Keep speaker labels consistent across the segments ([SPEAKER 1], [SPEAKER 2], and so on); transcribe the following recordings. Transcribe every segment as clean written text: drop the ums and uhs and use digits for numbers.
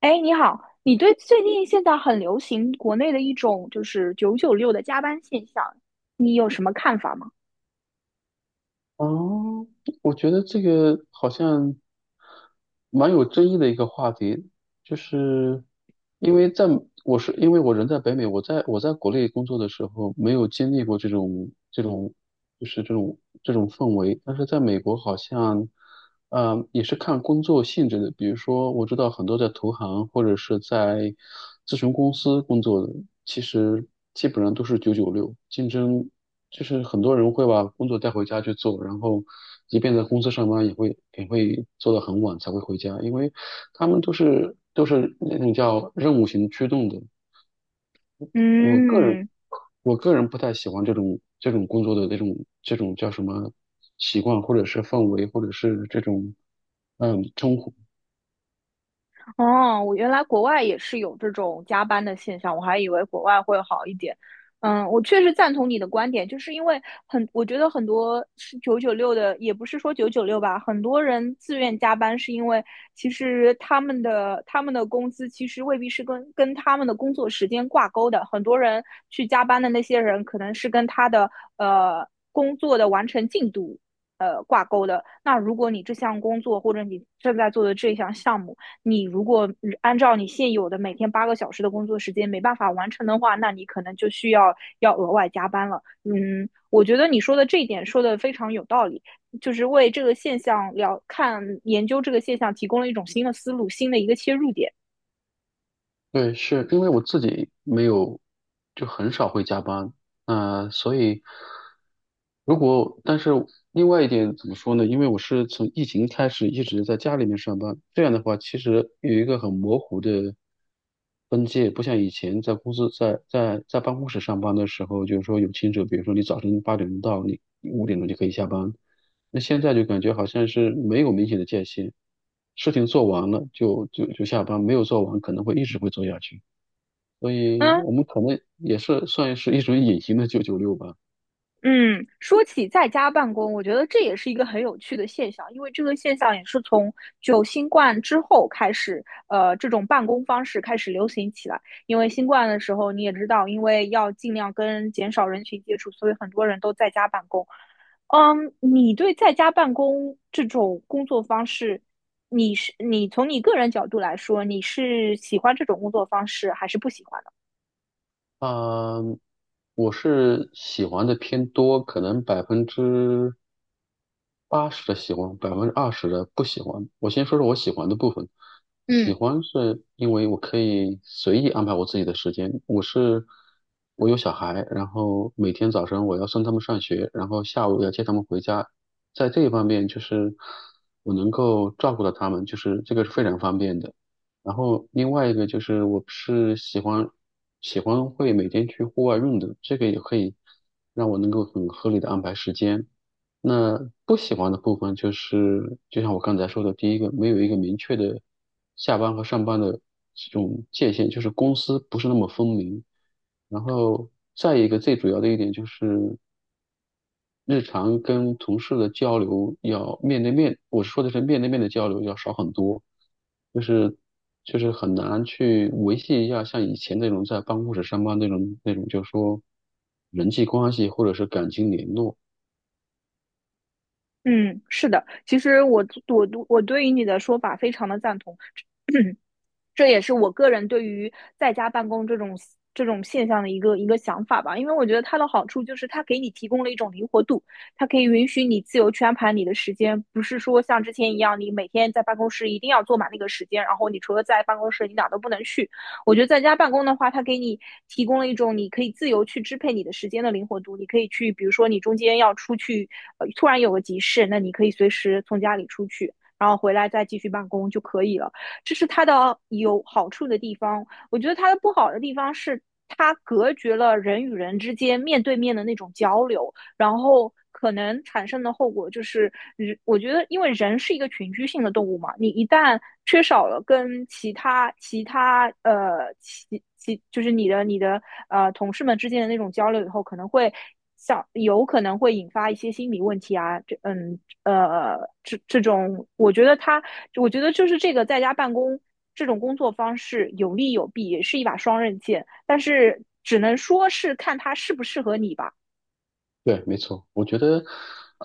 [SPEAKER 1] 哎，你好，你对最近现在很流行国内的一种就是九九六的加班现象，你有什么看法吗？
[SPEAKER 2] 哦，我觉得这个好像蛮有争议的一个话题，就是因为在我是因为我人在北美，我在国内工作的时候没有经历过这种就是这种氛围，但是在美国好像，也是看工作性质的，比如说我知道很多在投行或者是在咨询公司工作的，其实基本上都是九九六，竞争。就是很多人会把工作带回家去做，然后即便在公司上班，也会做到很晚才会回家，因为他们都是那种叫任务型驱动的。我个人
[SPEAKER 1] 嗯
[SPEAKER 2] 我个人不太喜欢这种工作的这种叫什么习惯，或者是氛围，或者是这种称呼。
[SPEAKER 1] 哦，我原来国外也是有这种加班的现象，我还以为国外会好一点。嗯，我确实赞同你的观点，就是因为很，我觉得很多是九九六的，也不是说九九六吧，很多人自愿加班是因为其实他们的工资其实未必是跟他们的工作时间挂钩的，很多人去加班的那些人可能是跟他的工作的完成进度挂钩的。那如果你这项工作或者你正在做的这项项目，你如果按照你现有的每天8个小时的工作时间没办法完成的话，那你可能就需要要额外加班了。嗯，我觉得你说的这一点说的非常有道理，就是为这个现象了看研究这个现象提供了一种新的思路，新的一个切入点。
[SPEAKER 2] 对，是因为我自己没有，就很少会加班，所以如果，但是另外一点怎么说呢？因为我是从疫情开始一直在家里面上班，这样的话其实有一个很模糊的分界，不像以前在公司在办公室上班的时候，就是说有清楚，比如说你早晨8点钟到，你5点钟就可以下班，那现在就感觉好像是没有明显的界限，事情做完了就下班，没有做完可能会一直会做下去，所以
[SPEAKER 1] 嗯。
[SPEAKER 2] 我们可能也是算是一种隐形的九九六吧。
[SPEAKER 1] 嗯，说起在家办公，我觉得这也是一个很有趣的现象，因为这个现象也是从就新冠之后开始，这种办公方式开始流行起来。因为新冠的时候，你也知道，因为要尽量跟减少人群接触，所以很多人都在家办公。嗯，你对在家办公这种工作方式，你从你个人角度来说，你是喜欢这种工作方式还是不喜欢的？
[SPEAKER 2] 啊、我是喜欢的偏多，可能80%的喜欢，20%的不喜欢。我先说说我喜欢的部分。喜
[SPEAKER 1] 嗯。
[SPEAKER 2] 欢是因为我可以随意安排我自己的时间。我是我有小孩，然后每天早晨我要送他们上学，然后下午要接他们回家。在这一方面，就是我能够照顾到他们，就是这个是非常方便的。然后另外一个就是我是喜欢会每天去户外运动，这个也可以让我能够很合理的安排时间。那不喜欢的部分就是，就像我刚才说的，第一个没有一个明确的下班和上班的这种界限，就是公司不是那么分明。然后再一个最主要的一点就是日常跟同事的交流要面对面，我说的是面对面的交流要少很多，就是就是很难去维系一下像以前那种在办公室上班那种，就是说人际关系或者是感情联络。
[SPEAKER 1] 嗯，是的，其实我对于你的说法非常的赞同。这也是我个人对于在家办公这种现象的一个想法吧，因为我觉得它的好处就是它给你提供了一种灵活度，它可以允许你自由去安排你的时间，不是说像之前一样，你每天在办公室一定要坐满那个时间，然后你除了在办公室你哪都不能去。我觉得在家办公的话，它给你提供了一种你可以自由去支配你的时间的灵活度，你可以去，比如说你中间要出去，突然有个急事，那你可以随时从家里出去，然后回来再继续办公就可以了。这是它的有好处的地方。我觉得它的不好的地方是，它隔绝了人与人之间面对面的那种交流。然后可能产生的后果就是，我觉得，因为人是一个群居性的动物嘛，你一旦缺少了跟其他就是你的同事们之间的那种交流以后，可能会像有可能会引发一些心理问题啊，这嗯呃这这种，我觉得他，我觉得就是这个在家办公这种工作方式有利有弊，也是一把双刃剑，但是只能说是看它适不适合你吧。
[SPEAKER 2] 对，没错，我觉得，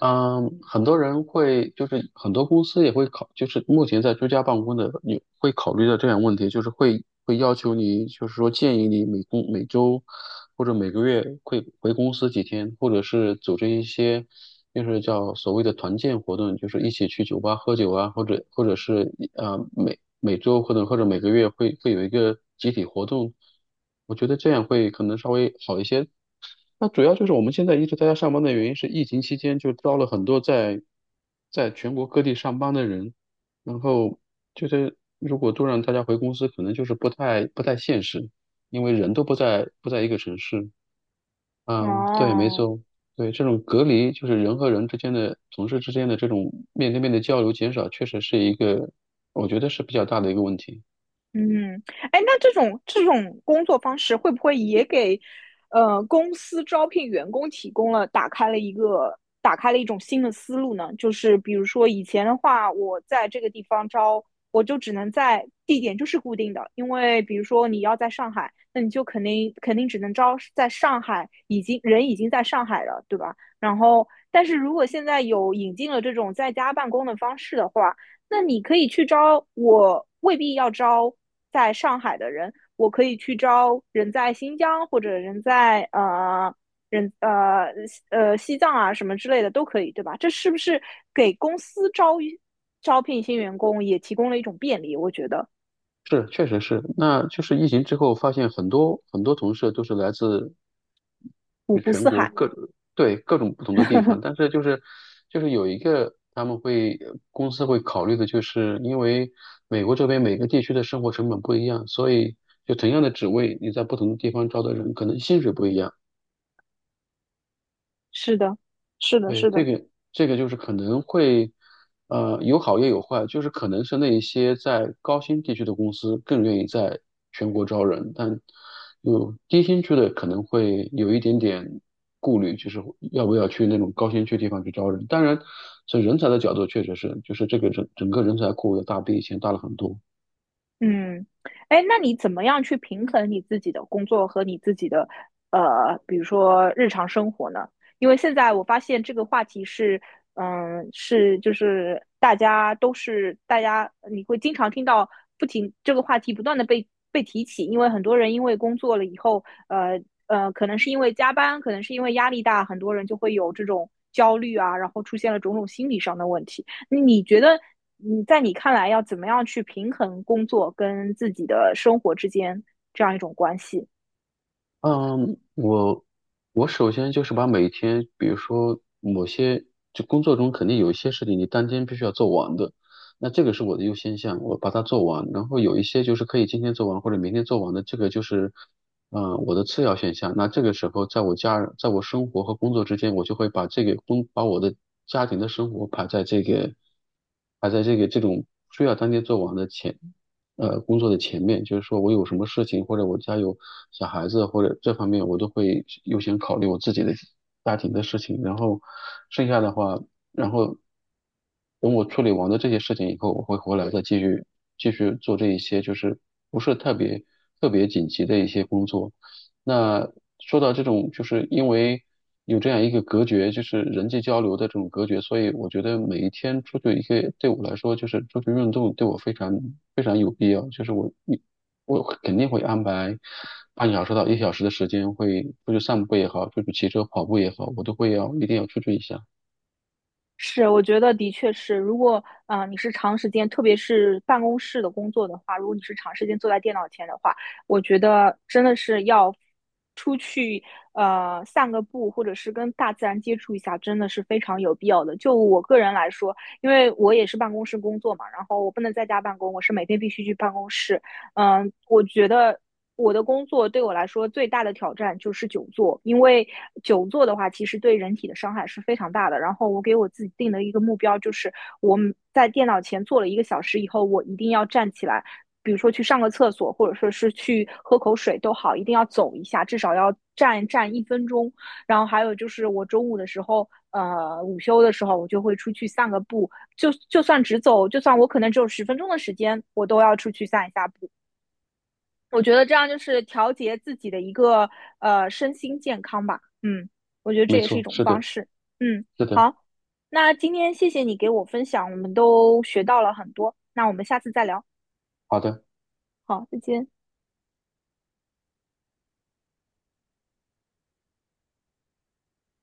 [SPEAKER 2] 嗯，很多人会，就是很多公司也会考，就是目前在居家办公的，你会考虑到这样问题，就是会要求你，就是说建议你每周或者每个月会回公司几天，或者是组织一些，就是叫所谓的团建活动，就是一起去酒吧喝酒啊，或者是每周或者每个月会有一个集体活动，我觉得这样会可能稍微好一些。那主要就是我们现在一直在家上班的原因是，疫情期间就招了很多在全国各地上班的人，然后就是如果都让大家回公司，可能就是不太现实，因为人都不在一个城市。嗯，对，没
[SPEAKER 1] 哦，
[SPEAKER 2] 错，对，这种隔离就是人和人之间的、同事之间的这种面对面的交流减少，确实是一个我觉得是比较大的一个问题。
[SPEAKER 1] 嗯，哎，那这种工作方式会不会也给，公司招聘员工提供了打开了一个打开了一种新的思路呢？就是比如说以前的话，我在这个地方招，我就只能在地点就是固定的，因为比如说你要在上海，那你就肯定只能招在上海，已经人已经在上海了，对吧？然后，但是如果现在有引进了这种在家办公的方式的话，那你可以去招，我未必要招在上海的人，我可以去招人在新疆或者人在呃人呃呃西藏啊什么之类的都可以，对吧？这是不是给公司招招聘新员工也提供了一种便利？我觉得
[SPEAKER 2] 是，确实是。那就是疫情之后，发现很多很多同事都是来自
[SPEAKER 1] 五
[SPEAKER 2] 就
[SPEAKER 1] 湖
[SPEAKER 2] 全
[SPEAKER 1] 四
[SPEAKER 2] 国
[SPEAKER 1] 海，
[SPEAKER 2] 各对，各种不同的地方，但是就是有一个他们会公司会考虑的，就是因为美国这边每个地区的生活成本不一样，所以就同样的职位，你在不同的地方招的人，可能薪水不一样。
[SPEAKER 1] 是的，是的，
[SPEAKER 2] 对，
[SPEAKER 1] 是
[SPEAKER 2] 这
[SPEAKER 1] 的。
[SPEAKER 2] 个这个就是可能会，有好也有坏，就是可能是那一些在高新地区的公司更愿意在全国招人，但有低新区的可能会有一点点顾虑，就是要不要去那种高新区地方去招人。当然，从人才的角度，确实是，就是这个整个人才库要大比以前大了很多。
[SPEAKER 1] 嗯，哎，那你怎么样去平衡你自己的工作和你自己的比如说日常生活呢？因为现在我发现这个话题是，嗯，大家，你会经常听到不停这个话题不断的被提起，因为很多人因为工作了以后，可能是因为加班，可能是因为压力大，很多人就会有这种焦虑啊，然后出现了种种心理上的问题。你觉得你在你看来要怎么样去平衡工作跟自己的生活之间这样一种关系？
[SPEAKER 2] 嗯，我首先就是把每天，比如说某些就工作中肯定有一些事情你当天必须要做完的，那这个是我的优先项，我把它做完。然后有一些就是可以今天做完或者明天做完的，这个就是，我的次要选项。那这个时候，在我家人，在我生活和工作之间，我就会把这个工，把我的家庭的生活排在这个，排在这个这种需要当天做完的前。工作的前面，就是说我有什么事情，或者我家有小孩子，或者这方面，我都会优先考虑我自己的家庭的事情。然后剩下的话，然后等我处理完了这些事情以后，我会回来再继续做这一些，就是不是特别特别紧急的一些工作。那说到这种，就是因为有这样一个隔绝，就是人际交流的这种隔绝，所以我觉得每一天出去一个，对我来说就是出去运动，对我非常非常有必要。就是我肯定会安排半个小时到一小时的时间，会出去散步也好，出去骑车、跑步也好，我都会要一定要出去一下。
[SPEAKER 1] 是，我觉得的确是。如果你是长时间，特别是办公室的工作的话，如果你是长时间坐在电脑前的话，我觉得真的是要出去散个步，或者是跟大自然接触一下，真的是非常有必要的。就我个人来说，因为我也是办公室工作嘛，然后我不能在家办公，我是每天必须去办公室。嗯，我觉得我的工作对我来说最大的挑战就是久坐，因为久坐的话，其实对人体的伤害是非常大的。然后我给我自己定的一个目标就是，我们在电脑前坐了1个小时以后，我一定要站起来，比如说去上个厕所，或者说是去喝口水都好，一定要走一下，至少要站1分钟。然后还有就是我中午的时候。午休的时候我就会出去散个步，就算只走，就算我可能只有10分钟的时间，我都要出去散一下步。我觉得这样就是调节自己的一个身心健康吧。嗯，我觉得这
[SPEAKER 2] 没
[SPEAKER 1] 也是一
[SPEAKER 2] 错，
[SPEAKER 1] 种
[SPEAKER 2] 是
[SPEAKER 1] 方
[SPEAKER 2] 的，
[SPEAKER 1] 式。嗯，
[SPEAKER 2] 是的，
[SPEAKER 1] 好，那今天谢谢你给我分享，我们都学到了很多。那我们下次再聊。
[SPEAKER 2] 好的。
[SPEAKER 1] 好，再见。